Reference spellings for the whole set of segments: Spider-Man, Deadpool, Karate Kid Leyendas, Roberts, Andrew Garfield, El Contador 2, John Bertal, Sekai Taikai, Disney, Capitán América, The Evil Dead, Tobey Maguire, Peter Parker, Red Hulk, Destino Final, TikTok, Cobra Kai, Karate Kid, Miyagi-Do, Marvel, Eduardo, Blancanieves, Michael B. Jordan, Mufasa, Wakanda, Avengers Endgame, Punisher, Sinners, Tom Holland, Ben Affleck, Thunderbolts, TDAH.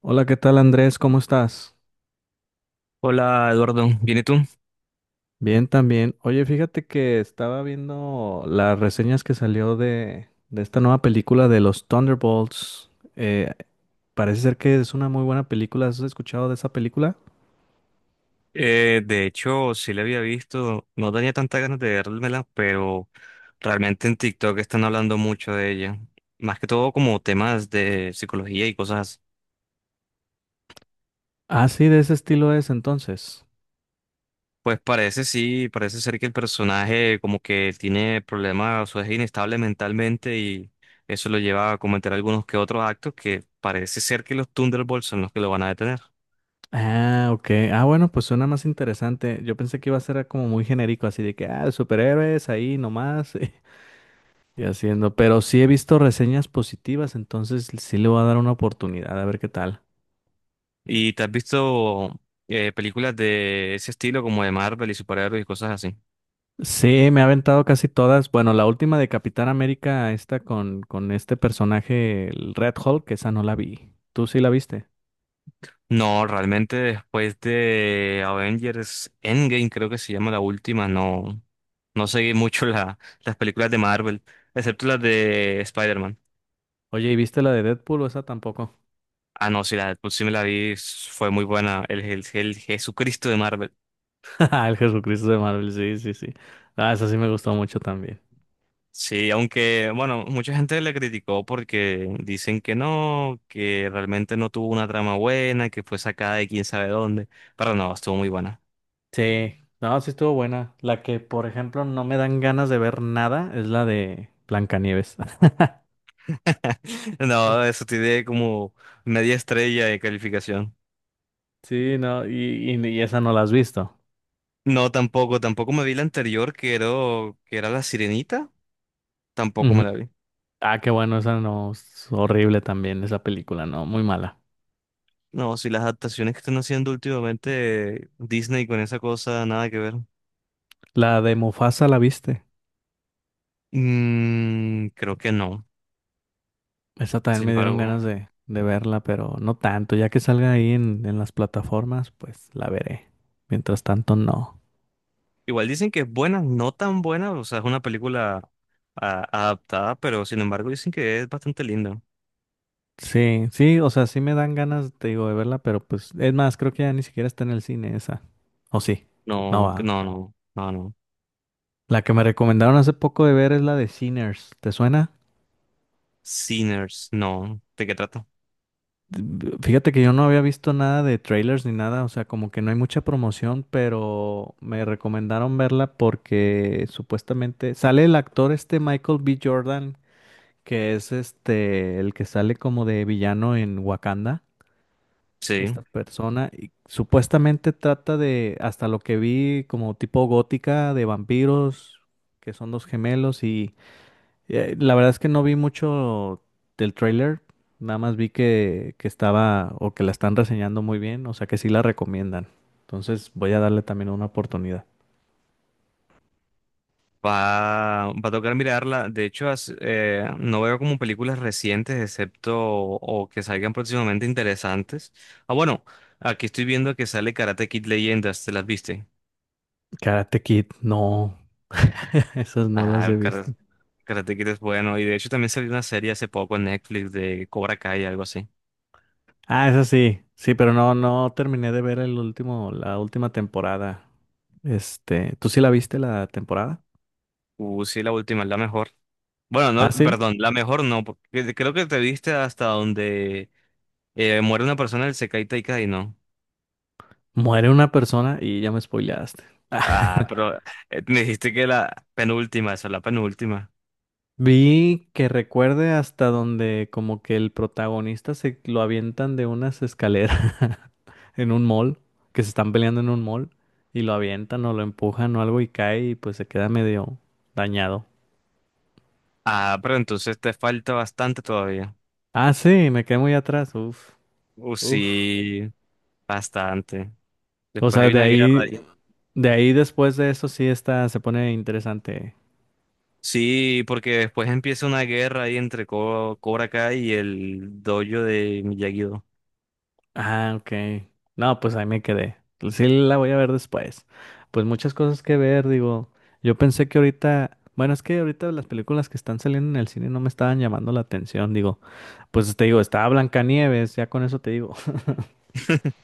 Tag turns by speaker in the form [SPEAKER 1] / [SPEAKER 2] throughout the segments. [SPEAKER 1] Hola, ¿qué tal Andrés? ¿Cómo estás?
[SPEAKER 2] Hola Eduardo, ¿bien y tú?
[SPEAKER 1] Bien, también. Oye, fíjate que estaba viendo las reseñas que salió de esta nueva película de los Thunderbolts. Eh, parece ser que es una muy buena película. ¿Has escuchado de esa película?
[SPEAKER 2] De hecho, sí la había visto, no tenía tantas ganas de vérmela, pero realmente en TikTok están hablando mucho de ella. Más que todo como temas de psicología y cosas. Así.
[SPEAKER 1] Ah, sí, de ese estilo es entonces.
[SPEAKER 2] Pues parece sí, parece ser que el personaje como que tiene problemas o es inestable mentalmente y eso lo lleva a cometer algunos que otros actos que parece ser que los Thunderbolts son los que lo van a detener.
[SPEAKER 1] Ah, ok. Ah, bueno, pues suena más interesante. Yo pensé que iba a ser como muy genérico, así de que, ah, superhéroes ahí nomás y haciendo. Pero sí he visto reseñas positivas, entonces sí le voy a dar una oportunidad a ver qué tal.
[SPEAKER 2] ¿Y te has visto películas de ese estilo como de Marvel y superhéroes y cosas así?
[SPEAKER 1] Sí, me ha aventado casi todas. Bueno, la última de Capitán América, esta con este personaje, el Red Hulk, esa no la vi. ¿Tú sí la viste?
[SPEAKER 2] No, realmente después de Avengers Endgame, creo que se llama la última, no, no seguí mucho la, las películas de Marvel, excepto las de Spider-Man.
[SPEAKER 1] Oye, ¿y viste la de Deadpool o esa tampoco?
[SPEAKER 2] Ah, no, sí, la de Deadpool sí me la vi, fue muy buena, el Jesucristo de Marvel.
[SPEAKER 1] El Jesucristo de Marvel, sí, sí, sí. Ah, esa sí me gustó mucho también.
[SPEAKER 2] Sí, aunque, bueno, mucha gente le criticó porque dicen que no, que realmente no tuvo una trama buena, que fue sacada de quién sabe dónde, pero no, estuvo muy buena.
[SPEAKER 1] Sí, no, sí estuvo buena. La que, por ejemplo, no me dan ganas de ver nada es la de Blancanieves. Mm.
[SPEAKER 2] No, eso tiene como media estrella de calificación.
[SPEAKER 1] Sí, no, y esa no la has visto.
[SPEAKER 2] No, tampoco, tampoco me vi la anterior que era La Sirenita, tampoco
[SPEAKER 1] Ujú.
[SPEAKER 2] me la vi.
[SPEAKER 1] Ah, qué bueno, esa no, es horrible también, esa película, no, muy mala.
[SPEAKER 2] No, si las adaptaciones que están haciendo últimamente Disney con esa cosa, nada que ver.
[SPEAKER 1] La de Mufasa, ¿la viste?
[SPEAKER 2] Mm, creo que no,
[SPEAKER 1] Esa también
[SPEAKER 2] sin
[SPEAKER 1] me dieron
[SPEAKER 2] embargo,
[SPEAKER 1] ganas
[SPEAKER 2] no.
[SPEAKER 1] de verla, pero no tanto. Ya que salga ahí en las plataformas, pues la veré. Mientras tanto, no.
[SPEAKER 2] Igual dicen que es buena, no tan buena, o sea, es una película adaptada, pero sin embargo dicen que es bastante linda.
[SPEAKER 1] Sí, sí, o sea, sí me dan ganas, te digo, de verla, pero pues, es más, creo que ya ni siquiera está en el cine esa. ¿O sí? No
[SPEAKER 2] No, que
[SPEAKER 1] va.
[SPEAKER 2] no, no, no, no.
[SPEAKER 1] La que me recomendaron hace poco de ver es la de Sinners. ¿Te suena?
[SPEAKER 2] Sinners, no. ¿De qué trata?
[SPEAKER 1] Fíjate que yo no había visto nada de trailers ni nada, o sea, como que no hay mucha promoción, pero me recomendaron verla porque supuestamente sale el actor este Michael B. Jordan, que es este el que sale como de villano en Wakanda,
[SPEAKER 2] Sí.
[SPEAKER 1] esta persona, y supuestamente trata de, hasta lo que vi, como tipo gótica de vampiros, que son dos gemelos y la verdad es que no vi mucho del tráiler, nada más vi que estaba o que la están reseñando muy bien, o sea que sí la recomiendan. Entonces voy a darle también una oportunidad.
[SPEAKER 2] Va, va a tocar mirarla. De hecho, no veo como películas recientes, excepto o que salgan próximamente interesantes. Ah, bueno, aquí estoy viendo que sale Karate Kid Leyendas, ¿te las viste?
[SPEAKER 1] Karate Kid, no, esas no
[SPEAKER 2] Ah,
[SPEAKER 1] las he visto.
[SPEAKER 2] Karate Kid es bueno. Y de hecho también salió una serie hace poco en Netflix de Cobra Kai, algo así.
[SPEAKER 1] Ah, esas sí, sí, pero no, no terminé de ver el último, la última temporada. Este, ¿tú sí la viste la temporada?
[SPEAKER 2] Sí, la última, es la mejor. Bueno,
[SPEAKER 1] Ah,
[SPEAKER 2] no,
[SPEAKER 1] sí,
[SPEAKER 2] perdón, la mejor no, porque creo que te viste hasta donde muere una persona, el Sekai Taikai, ¿no?
[SPEAKER 1] muere una persona y ya me spoileaste.
[SPEAKER 2] Ah, pero me dijiste que la penúltima, esa es la penúltima.
[SPEAKER 1] Vi que recuerde hasta donde como que el protagonista se lo avientan de unas escaleras en un mall, que se están peleando en un mall y lo avientan o lo empujan o algo y cae y pues se queda medio dañado.
[SPEAKER 2] Ah, pero entonces te falta bastante todavía.
[SPEAKER 1] Ah, sí, me quedé muy atrás, uf, uf.
[SPEAKER 2] Sí, bastante.
[SPEAKER 1] O
[SPEAKER 2] Después
[SPEAKER 1] sea,
[SPEAKER 2] hay
[SPEAKER 1] de
[SPEAKER 2] una guerra
[SPEAKER 1] ahí,
[SPEAKER 2] ahí.
[SPEAKER 1] de ahí después de eso sí está, se pone interesante.
[SPEAKER 2] Sí, porque después empieza una guerra ahí entre Cobra Kai y el dojo de Miyagi-Do.
[SPEAKER 1] Ah, ok. No, pues ahí me quedé. Sí la voy a ver después. Pues muchas cosas que ver, digo. Yo pensé que ahorita, bueno, es que ahorita las películas que están saliendo en el cine no me estaban llamando la atención, digo. Pues te digo, estaba Blancanieves, ya con eso te digo.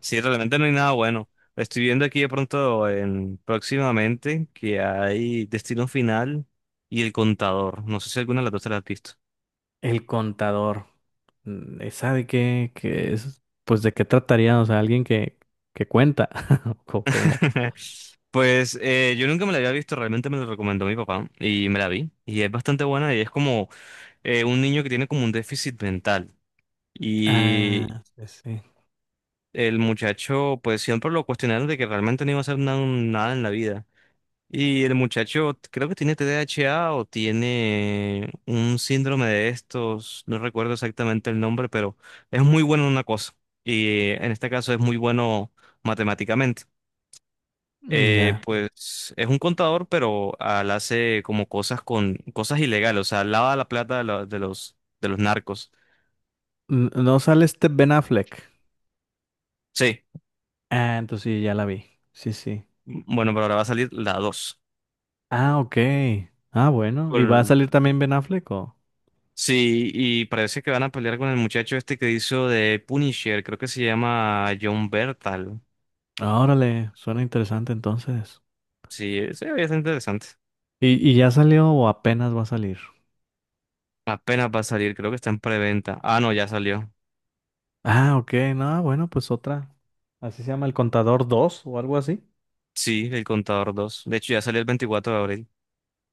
[SPEAKER 2] Sí, realmente no hay nada bueno. Estoy viendo aquí de pronto en, próximamente que hay Destino Final y El Contador. No sé si alguna de las dos te la has visto.
[SPEAKER 1] El contador. ¿Esa de qué, qué es? Pues de qué trataría, o sea, alguien que cuenta. Como.
[SPEAKER 2] Pues yo nunca me la había visto, realmente me la recomendó mi papá y me la vi. Y es bastante buena y es como un niño que tiene como un déficit mental. Y
[SPEAKER 1] Ah, sí, sí.
[SPEAKER 2] el muchacho, pues siempre lo cuestionaron de que realmente no iba a hacer nada en la vida. Y el muchacho creo que tiene TDAH o tiene un síndrome de estos, no recuerdo exactamente el nombre, pero es muy bueno en una cosa. Y en este caso es muy bueno matemáticamente.
[SPEAKER 1] Ya.
[SPEAKER 2] Pues es un contador, pero al hace como cosas con cosas ilegales, o sea, lava la plata de, de los narcos.
[SPEAKER 1] No sale este Ben Affleck.
[SPEAKER 2] Sí,
[SPEAKER 1] Ah, entonces sí, ya la vi. Sí, sí.
[SPEAKER 2] bueno, pero ahora va a salir la 2.
[SPEAKER 1] Ah, ok. Ah, bueno. ¿Y va a salir también Ben Affleck o?
[SPEAKER 2] Sí, y parece que van a pelear con el muchacho este que hizo de Punisher, creo que se llama John Bertal.
[SPEAKER 1] Ah, Órale, suena interesante entonces.
[SPEAKER 2] Sí, ese es interesante.
[SPEAKER 1] ¿Y ya salió o apenas va a salir?
[SPEAKER 2] Apenas va a salir, creo que está en preventa. Ah, no, ya salió.
[SPEAKER 1] Ah, ok. No, bueno, pues otra. Así se llama El Contador dos o algo así.
[SPEAKER 2] Sí, el contador 2. De hecho, ya salió el 24 de abril.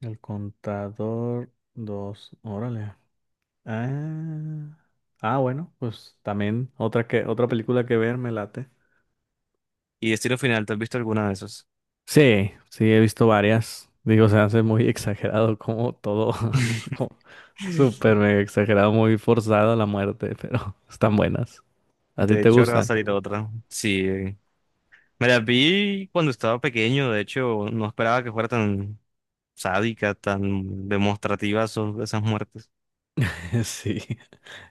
[SPEAKER 1] El Contador 2. Órale. Ah, ah, bueno, pues también otra que otra película que ver me late.
[SPEAKER 2] Y Destino Final, ¿te has visto alguna de esas?
[SPEAKER 1] Sí, sí, he visto varias. Digo, se hace muy exagerado como todo, como súper mega exagerado, muy forzado la muerte, pero están buenas. ¿A ti
[SPEAKER 2] De
[SPEAKER 1] te, sí,
[SPEAKER 2] hecho, ahora va a
[SPEAKER 1] gustan?
[SPEAKER 2] salir otra. Sí. Me la vi cuando estaba pequeño. De hecho, no esperaba que fuera tan sádica, tan demostrativa esas muertes.
[SPEAKER 1] Sí,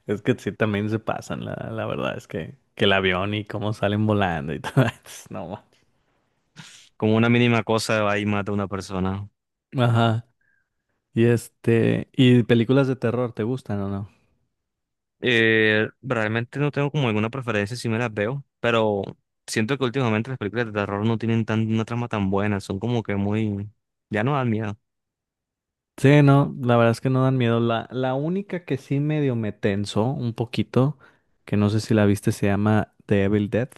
[SPEAKER 1] es que sí, también se pasan, la verdad es que el avión y cómo salen volando y todo eso, no.
[SPEAKER 2] Como una mínima cosa va y mata a una persona.
[SPEAKER 1] Ajá, y este, ¿y películas de terror te gustan o no?
[SPEAKER 2] Realmente no tengo como alguna preferencia si me las veo, pero siento que últimamente las películas de terror no tienen tan, una trama tan buena. Son como que muy... Ya no dan miedo.
[SPEAKER 1] Sí, no, la verdad es que no dan miedo. La única que sí medio me tensó un poquito, que no sé si la viste, se llama The Evil Dead.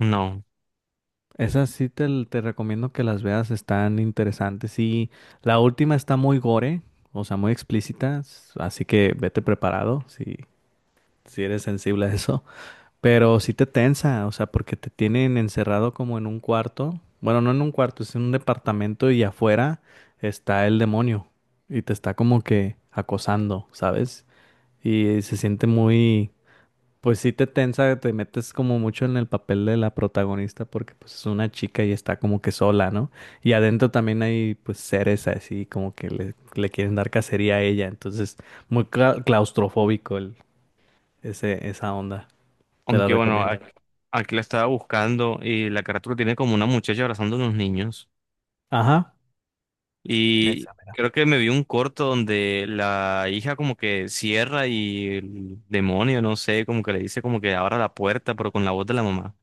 [SPEAKER 2] No.
[SPEAKER 1] Esas sí te recomiendo que las veas, están interesantes. Y la última está muy gore, o sea, muy explícita, así que vete preparado si eres sensible a eso. Pero sí te tensa, o sea, porque te tienen encerrado como en un cuarto. Bueno, no en un cuarto, es en un departamento y afuera está el demonio y te está como que acosando, ¿sabes? Y se siente muy... Pues sí te tensa, te metes como mucho en el papel de la protagonista porque pues es una chica y está como que sola, ¿no? Y adentro también hay pues seres así como que le quieren dar cacería a ella, entonces muy claustrofóbico esa onda, te la
[SPEAKER 2] Aunque bueno,
[SPEAKER 1] recomiendo.
[SPEAKER 2] aquí la estaba buscando y la carátula tiene como una muchacha abrazando a unos niños.
[SPEAKER 1] Ajá.
[SPEAKER 2] Y
[SPEAKER 1] Esa, mira.
[SPEAKER 2] creo que me vi un corto donde la hija como que cierra y el demonio, no sé, como que le dice como que abra la puerta, pero con la voz de la mamá.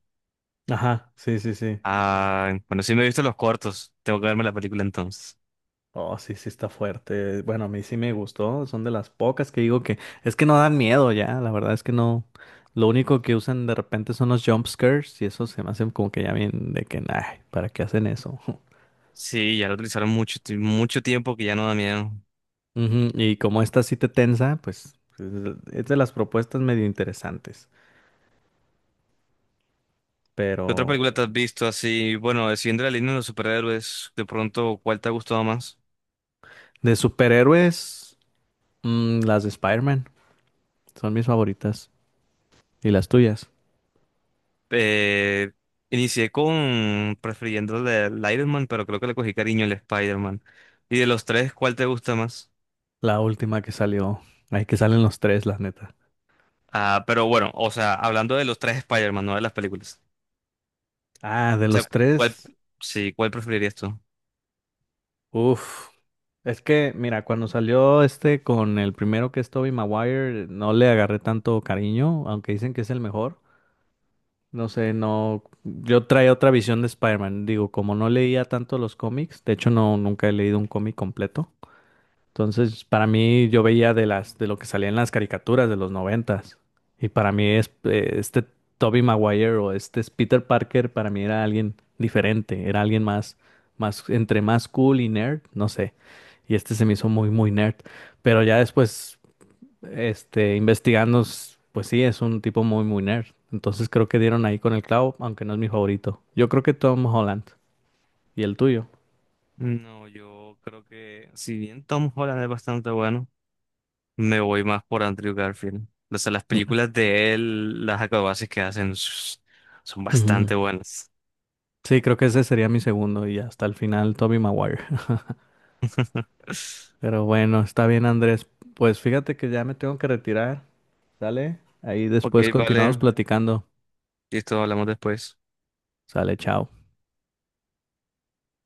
[SPEAKER 1] Ajá, sí, sí, sí.
[SPEAKER 2] Ah, bueno, sí me he visto los cortos. Tengo que verme la película entonces.
[SPEAKER 1] Oh, sí, sí está fuerte. Bueno, a mí sí me gustó. Son de las pocas que digo que es que no dan miedo ya. La verdad es que no. Lo único que usan de repente son los jump scares y eso se me hacen como que ya bien de que, nah, ¿para qué hacen eso?
[SPEAKER 2] Sí, ya lo utilizaron mucho, mucho tiempo que ya no da miedo.
[SPEAKER 1] Ujú, y como esta sí te tensa, pues es de las propuestas medio interesantes.
[SPEAKER 2] ¿Qué otra
[SPEAKER 1] Pero
[SPEAKER 2] película te has visto así? Bueno, siguiendo la línea de los superhéroes, de pronto, ¿cuál te ha gustado más?
[SPEAKER 1] de superhéroes, las de Spider-Man son mis favoritas. ¿Y las tuyas?
[SPEAKER 2] Eh, Inicié con prefiriendo el de el Iron Man, pero creo que le cogí cariño al Spider-Man. Y de los tres, ¿cuál te gusta más?
[SPEAKER 1] La última que salió. Ay, que salen los tres, la neta.
[SPEAKER 2] Ah, pero bueno, o sea, hablando de los tres Spider-Man, no de las películas.
[SPEAKER 1] Ah, de
[SPEAKER 2] O sea,
[SPEAKER 1] los
[SPEAKER 2] ¿cuál,
[SPEAKER 1] tres.
[SPEAKER 2] sí, ¿cuál preferirías tú?
[SPEAKER 1] Uf, es que mira, cuando salió este con el primero que es Tobey Maguire, no le agarré tanto cariño, aunque dicen que es el mejor. No sé, no, yo traía otra visión de Spider-Man. Digo, como no leía tanto los cómics, de hecho no, nunca he leído un cómic completo. Entonces, para mí, yo veía de lo que salía en las caricaturas de los noventas. Y para mí es este Tobey Maguire o este es Peter Parker, para mí era alguien diferente, era alguien más, más, entre más cool y nerd, no sé. Y este se me hizo muy, muy nerd. Pero ya después, este, investigando, pues sí, es un tipo muy, muy nerd. Entonces creo que dieron ahí con el clavo, aunque no es mi favorito. Yo creo que Tom Holland. ¿Y el tuyo?
[SPEAKER 2] No, yo creo que si bien Tom Holland es bastante bueno, me voy más por Andrew Garfield. O sea, las películas de él, las acrobacias que hacen son
[SPEAKER 1] Ujú.
[SPEAKER 2] bastante buenas.
[SPEAKER 1] Sí, creo que ese sería mi segundo y hasta el final Toby Maguire. Pero bueno, está bien Andrés. Pues fíjate que ya me tengo que retirar, ¿sale? Ahí
[SPEAKER 2] Ok,
[SPEAKER 1] después
[SPEAKER 2] vale.
[SPEAKER 1] continuamos platicando.
[SPEAKER 2] Listo, hablamos después.
[SPEAKER 1] Sale, chao.